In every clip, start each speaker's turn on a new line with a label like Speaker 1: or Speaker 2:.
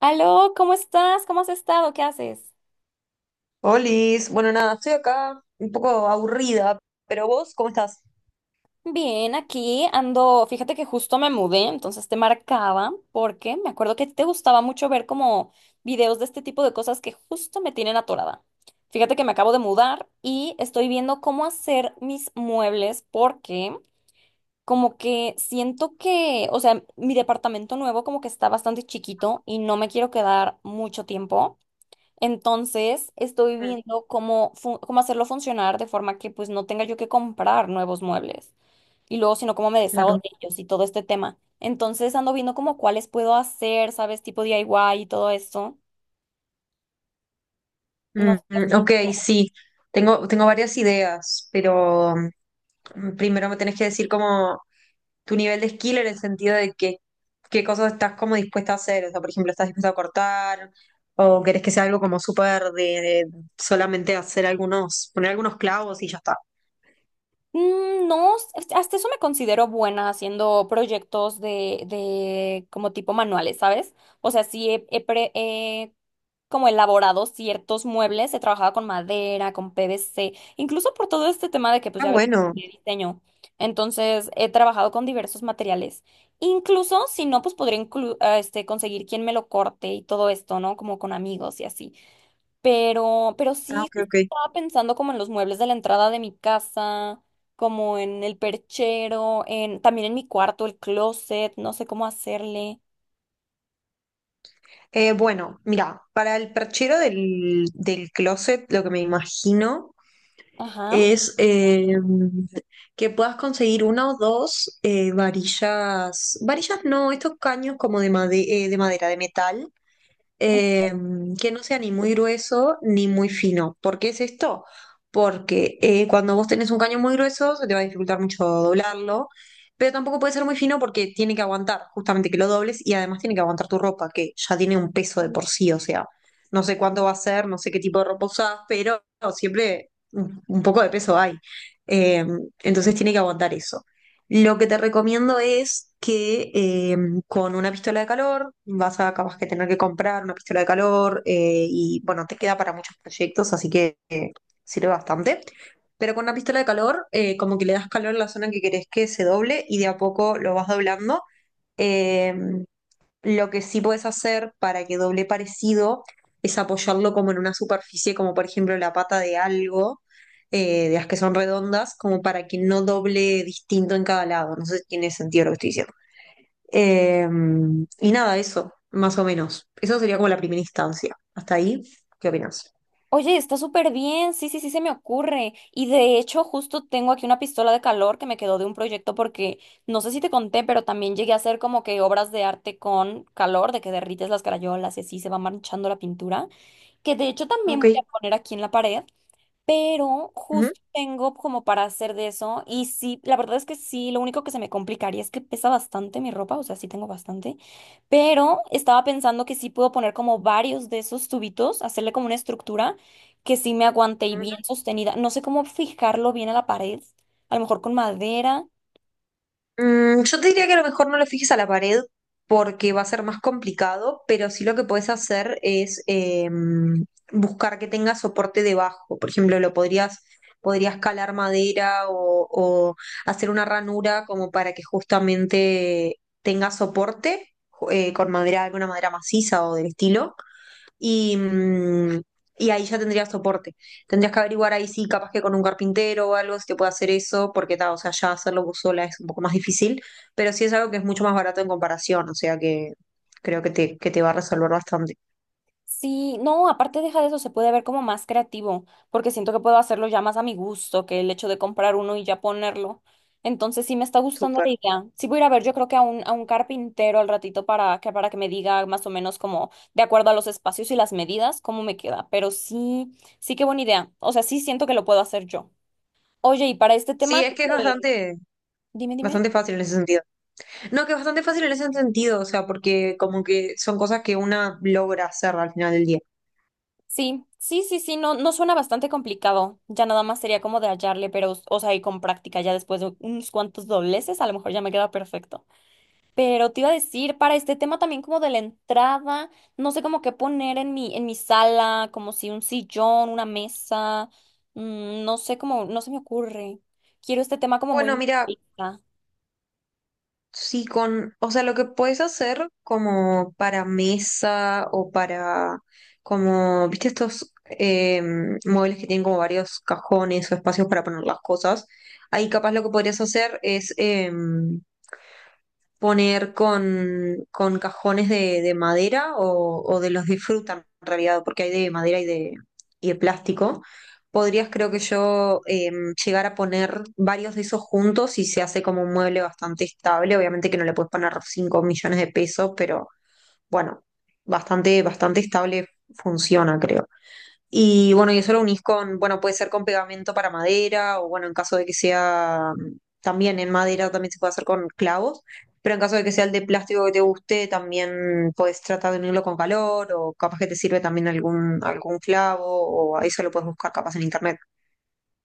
Speaker 1: Aló, ¿cómo estás? ¿Cómo has estado? ¿Qué haces?
Speaker 2: Olis, bueno, nada, estoy acá un poco aburrida, pero vos, ¿cómo estás?
Speaker 1: Bien, aquí ando, fíjate que justo me mudé, entonces te marcaba porque me acuerdo que te gustaba mucho ver como videos de este tipo de cosas que justo me tienen atorada. Fíjate que me acabo de mudar y estoy viendo cómo hacer mis muebles porque como que siento que, o sea, mi departamento nuevo como que está bastante chiquito y no me quiero quedar mucho tiempo. Entonces, estoy
Speaker 2: Mm.
Speaker 1: viendo cómo, cómo hacerlo funcionar de forma que pues no tenga yo que comprar nuevos muebles y luego, sino cómo me deshago
Speaker 2: Claro.
Speaker 1: de ellos y todo este tema. Entonces, ando viendo como cuáles puedo hacer, ¿sabes? Tipo DIY y todo esto.
Speaker 2: Mm,
Speaker 1: No sé.
Speaker 2: mm,
Speaker 1: Si
Speaker 2: ok, sí, tengo varias ideas, pero primero me tenés que decir como tu nivel de skill en el sentido de que, qué cosas estás como dispuesta a hacer, o sea, por ejemplo, ¿estás dispuesta a cortar? ¿O querés que sea algo como súper de solamente hacer algunos, poner algunos clavos y ya está?
Speaker 1: No, hasta eso me considero buena haciendo proyectos de como tipo manuales, ¿sabes? O sea, sí he como elaborado ciertos muebles, he trabajado con madera, con PVC, incluso por todo este tema de que pues
Speaker 2: Ah,
Speaker 1: ya ves
Speaker 2: bueno.
Speaker 1: que diseño. Entonces, he trabajado con diversos materiales. Incluso si no, pues podría conseguir quien me lo corte y todo esto, ¿no? Como con amigos y así. Pero
Speaker 2: Ah,
Speaker 1: sí
Speaker 2: ok, ok.
Speaker 1: justo estaba pensando como en los muebles de la entrada de mi casa, como en el perchero, en, también en mi cuarto, el closet, no sé cómo hacerle.
Speaker 2: Bueno, mira, para el perchero del closet, lo que me imagino
Speaker 1: Ajá.
Speaker 2: es que puedas conseguir una o dos varillas no, estos caños como de, de madera, de metal, eh, que no sea ni muy grueso ni muy fino. ¿Por qué es esto? Porque cuando vos tenés un caño muy grueso se te va a dificultar mucho doblarlo, pero tampoco puede ser muy fino porque tiene que aguantar justamente que lo dobles y además tiene que aguantar tu ropa, que ya tiene un peso de por sí, o sea, no sé cuánto va a ser, no sé qué tipo de ropa usás, pero siempre un poco de peso hay. Eh, entonces tiene que aguantar eso. Lo que te recomiendo es que con una pistola de calor vas a capaz que tener que comprar una pistola de calor y bueno, te queda para muchos proyectos, así que sirve bastante. Pero con una pistola de calor, como que le das calor a la zona que querés que se doble y de a poco lo vas doblando. Eh, lo que sí puedes hacer para que doble parecido es apoyarlo como en una superficie, como por ejemplo la pata de algo, de las que son redondas, como para que no doble distinto en cada lado. No sé si tiene sentido lo que estoy diciendo. Eh, y nada, eso, más o menos. Eso sería como la primera instancia. Hasta ahí, ¿qué opinas?
Speaker 1: Oye, está súper bien. Sí, sí, sí, se me ocurre. Y de hecho, justo tengo aquí una pistola de calor que me quedó de un proyecto porque no sé si te conté, pero también llegué a hacer como que obras de arte con calor, de que derrites las crayolas y así se va manchando la pintura. Que de hecho también
Speaker 2: Ok.
Speaker 1: voy a poner aquí en la pared. Pero
Speaker 2: Ujú,
Speaker 1: justo tengo como para hacer de eso y sí, la verdad es que sí, lo único que se me complicaría es que pesa bastante mi ropa, o sea, sí tengo bastante, pero estaba pensando que sí puedo poner como varios de esos tubitos, hacerle como una estructura que sí me aguante y
Speaker 2: ujú.
Speaker 1: bien sostenida. No sé cómo fijarlo bien a la pared, a lo mejor con madera.
Speaker 2: Yo te diría que a lo mejor no lo fijes a la pared porque va a ser más complicado, pero sí lo que puedes hacer es buscar que tenga soporte debajo. Por ejemplo, lo podrías, podrías calar madera o hacer una ranura como para que justamente tenga soporte. Con madera, alguna madera maciza o del estilo, y, y ahí ya tendrías soporte. Tendrías que averiguar ahí sí, capaz que con un carpintero o algo, si te puede hacer eso, porque ta, o sea, ya hacerlo vos sola es un poco más difícil, pero sí es algo que es mucho más barato en comparación, o sea que creo que te va a resolver bastante.
Speaker 1: Sí, no, aparte deja de eso, se puede ver como más creativo, porque siento que puedo hacerlo ya más a mi gusto que el hecho de comprar uno y ya ponerlo. Entonces sí me está gustando
Speaker 2: Súper.
Speaker 1: la idea. Sí voy a ir a ver, yo creo que a un carpintero al ratito para que me diga más o menos como de acuerdo a los espacios y las medidas, cómo me queda. Pero sí, sí qué buena idea. O sea, sí siento que lo puedo hacer yo. Oye, y para este tema,
Speaker 2: Sí, es que es
Speaker 1: eh, dime, dime.
Speaker 2: bastante fácil en ese sentido. No, que es bastante fácil en ese sentido, o sea, porque como que son cosas que una logra hacer al final del día.
Speaker 1: Sí, sí, sí, sí, no, no suena bastante complicado. Ya nada más sería como de hallarle, pero, o sea, y con práctica, ya después de unos cuantos dobleces, a lo mejor ya me queda perfecto. Pero te iba a decir, para este tema también como de la entrada, no sé como qué poner en mi sala, como si un sillón, una mesa, no sé cómo, no se me ocurre. Quiero este tema como muy
Speaker 2: Bueno, mira,
Speaker 1: minimalista.
Speaker 2: sí, con, o sea, lo que puedes hacer como para mesa o para, como, viste, estos muebles que tienen como varios cajones o espacios para poner las cosas, ahí capaz lo que podrías hacer es, poner con cajones de madera o de los de fruta en realidad, porque hay de madera y de plástico. Podrías, creo que yo, llegar a poner varios de esos juntos y se hace como un mueble bastante estable. Obviamente que no le puedes poner 5 millones de pesos, pero bueno, bastante estable funciona, creo. Y bueno, y eso lo unís con, bueno, puede ser con pegamento para madera o bueno, en caso de que sea también en madera, también se puede hacer con clavos, pero en caso de que sea el de plástico que te guste, también puedes tratar de unirlo con calor o capaz que te sirve también algún clavo o eso lo puedes buscar capaz en internet.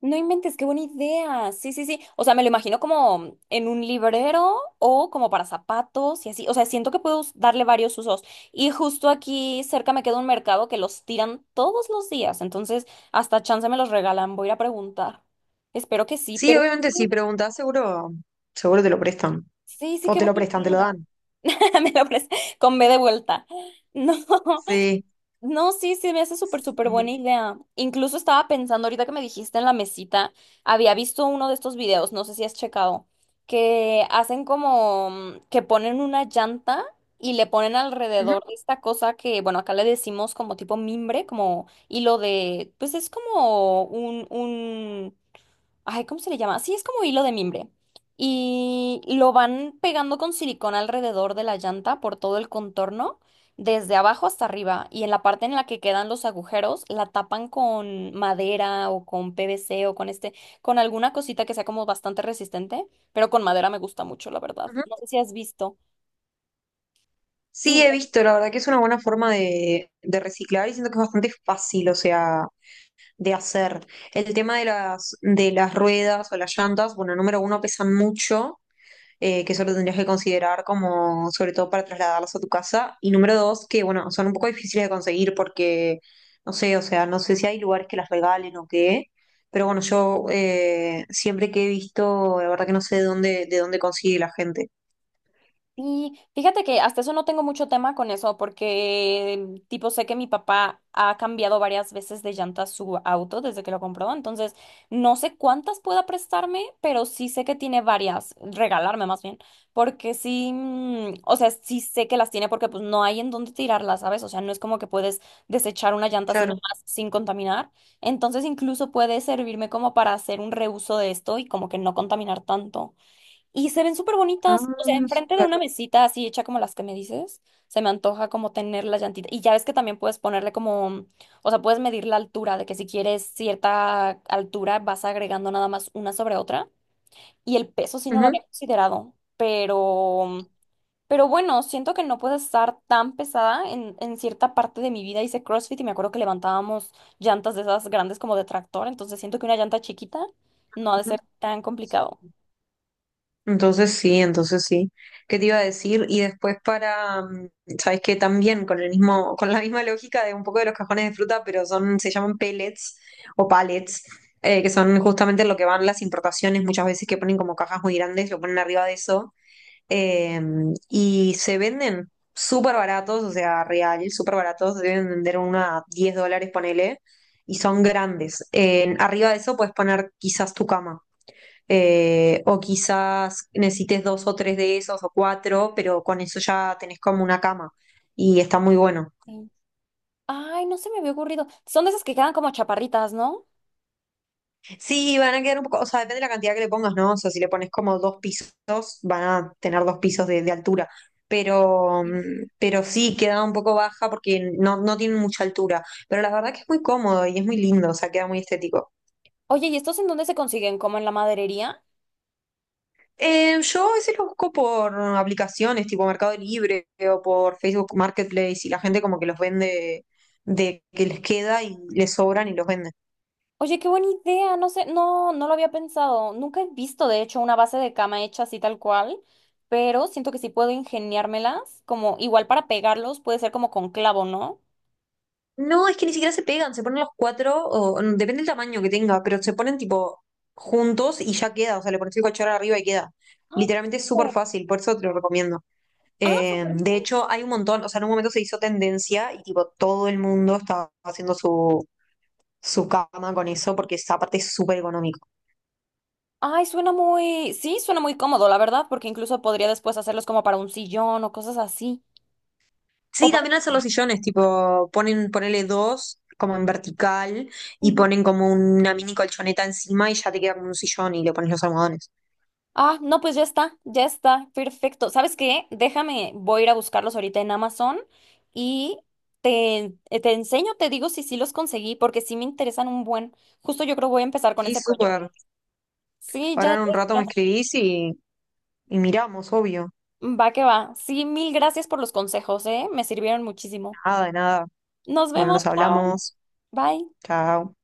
Speaker 1: No inventes, qué buena idea. Sí, sí, sí. O sea, me lo imagino como en un librero o como para zapatos y así. O sea, siento que puedo darle varios usos. Y justo aquí cerca me queda un mercado que los tiran todos los días. Entonces, hasta chance me los regalan. Voy a ir a preguntar. Espero que sí,
Speaker 2: Sí,
Speaker 1: pero
Speaker 2: obviamente si preguntas, seguro te lo prestan.
Speaker 1: sí, sí,
Speaker 2: O
Speaker 1: qué
Speaker 2: te
Speaker 1: buena
Speaker 2: lo prestan, te lo
Speaker 1: idea.
Speaker 2: dan.
Speaker 1: Me lo pres- con B de vuelta. No.
Speaker 2: Sí.
Speaker 1: No, sí, sí, me hace súper, súper
Speaker 2: Sí.
Speaker 1: buena idea. Incluso estaba pensando ahorita que me dijiste en la mesita, había visto uno de estos videos, no sé si has checado, que hacen como que ponen una llanta y le ponen
Speaker 2: Ujú,
Speaker 1: alrededor de esta cosa que, bueno, acá le decimos como tipo mimbre, como hilo de, pues es como un... Ay, ¿cómo se le llama? Sí, es como hilo de mimbre. Y lo van pegando con silicona alrededor de la llanta por todo el contorno, desde abajo hasta arriba. Y en la parte en la que quedan los agujeros, la tapan con madera o con PVC o con con alguna cosita que sea como bastante resistente. Pero con madera me gusta mucho, la verdad.
Speaker 2: ujú.
Speaker 1: No sé si has visto.
Speaker 2: Sí, he visto, la verdad que es una buena forma de reciclar y siento que es bastante fácil, o sea, de hacer. El tema de de las ruedas o las llantas, bueno, número uno, pesan mucho, que eso lo tendrías que considerar como, sobre todo para trasladarlas a tu casa. Y número dos, que bueno, son un poco difíciles de conseguir porque, no sé, o sea, no sé si hay lugares que las regalen o qué. Pero bueno, yo siempre que he visto, la verdad que no sé de dónde consigue la gente.
Speaker 1: Y fíjate que hasta eso no tengo mucho tema con eso, porque tipo sé que mi papá ha cambiado varias veces de llanta su auto desde que lo compró, entonces no sé cuántas pueda prestarme, pero sí sé que tiene varias, regalarme más bien, porque sí, o sea, sí sé que las tiene porque pues no hay en dónde tirarlas, ¿sabes? O sea, no es como que puedes desechar una llanta así
Speaker 2: Claro.
Speaker 1: nomás sin contaminar, entonces incluso puede servirme como para hacer un reuso de esto y como que no contaminar tanto. Y se ven súper
Speaker 2: Ah,
Speaker 1: bonitas, o sea, enfrente de
Speaker 2: súper.
Speaker 1: una mesita así hecha como las que me dices, se me antoja como tener la llantita. Y ya ves que también puedes ponerle como, o sea, puedes medir la altura, de que si quieres cierta altura vas agregando nada más una sobre otra. Y el peso sí no lo
Speaker 2: Ujú.
Speaker 1: había considerado, pero bueno, siento que no puedo estar tan pesada. En cierta parte de mi vida hice CrossFit y me acuerdo que levantábamos llantas de esas grandes como de tractor, entonces siento que una llanta chiquita no ha de ser tan complicado.
Speaker 2: Entonces sí. ¿Qué te iba a decir? Y después para, ¿sabes qué? También con el mismo, con la misma lógica de un poco de los cajones de fruta, pero son, se llaman pellets o pallets, que son justamente lo que van las importaciones, muchas veces que ponen como cajas muy grandes, lo ponen arriba de eso, eh, y se venden súper baratos, o sea, real, súper baratos, deben vender una $10, ponele, y son grandes. Arriba de eso puedes poner quizás tu cama o quizás necesites dos o tres de esos o cuatro, pero con eso ya tenés como una cama y está muy bueno.
Speaker 1: Sí. Ay, no se me había ocurrido. Son de esas que quedan como chaparritas, ¿no?
Speaker 2: Sí, van a quedar un poco, o sea, depende de la cantidad que le pongas, ¿no? O sea, si le pones como dos pisos, van a tener dos pisos de altura. Pero,
Speaker 1: Sí.
Speaker 2: pero sí, queda un poco baja porque no, no tienen mucha altura. Pero la verdad que es muy cómodo y es muy lindo, o sea, queda muy estético.
Speaker 1: Oye, ¿y estos en dónde se consiguen? ¿Como en la maderería?
Speaker 2: Yo a veces los busco por aplicaciones tipo Mercado Libre o por Facebook Marketplace y la gente como que los vende de que les queda y les sobran y los venden.
Speaker 1: Oye, qué buena idea. No sé, no, no lo había pensado. Nunca he visto, de hecho, una base de cama hecha así tal cual, pero siento que sí puedo ingeniármelas, como igual para pegarlos, puede ser como con clavo, ¿no?
Speaker 2: No, es que ni siquiera se pegan, se ponen los cuatro, o, depende del tamaño que tenga, pero se ponen tipo juntos y ya queda, o sea, le pones el cachorro arriba y queda.
Speaker 1: Ah,
Speaker 2: Literalmente es súper
Speaker 1: súper.
Speaker 2: fácil, por eso te lo recomiendo.
Speaker 1: Ah, súper bien.
Speaker 2: De hecho, hay un montón, o sea, en un momento se hizo tendencia y tipo todo el mundo estaba haciendo su cama con eso porque es, aparte es súper económico.
Speaker 1: Ay, suena muy, sí, suena muy cómodo, la verdad, porque incluso podría después hacerlos como para un sillón o cosas así. O
Speaker 2: Sí,
Speaker 1: para...
Speaker 2: también hacen los sillones, tipo, ponen, ponele dos como en vertical y
Speaker 1: Ujú.
Speaker 2: ponen como una mini colchoneta encima y ya te queda como un sillón y le pones los almohadones.
Speaker 1: Ah, no, pues ya está, perfecto. ¿Sabes qué? Déjame, voy a ir a buscarlos ahorita en Amazon y te enseño, te digo si sí los conseguí, porque sí me interesan un buen. Justo yo creo voy a empezar con
Speaker 2: Sí,
Speaker 1: ese proyecto.
Speaker 2: súper.
Speaker 1: Sí, ya,
Speaker 2: Ahora en
Speaker 1: ya
Speaker 2: un rato me
Speaker 1: está.
Speaker 2: escribís y miramos, obvio.
Speaker 1: Va que va. Sí, mil gracias por los consejos, ¿eh? Me sirvieron muchísimo.
Speaker 2: Nada, de nada.
Speaker 1: Nos
Speaker 2: Bueno,
Speaker 1: vemos,
Speaker 2: nos
Speaker 1: chao.
Speaker 2: hablamos.
Speaker 1: Bye.
Speaker 2: Chao.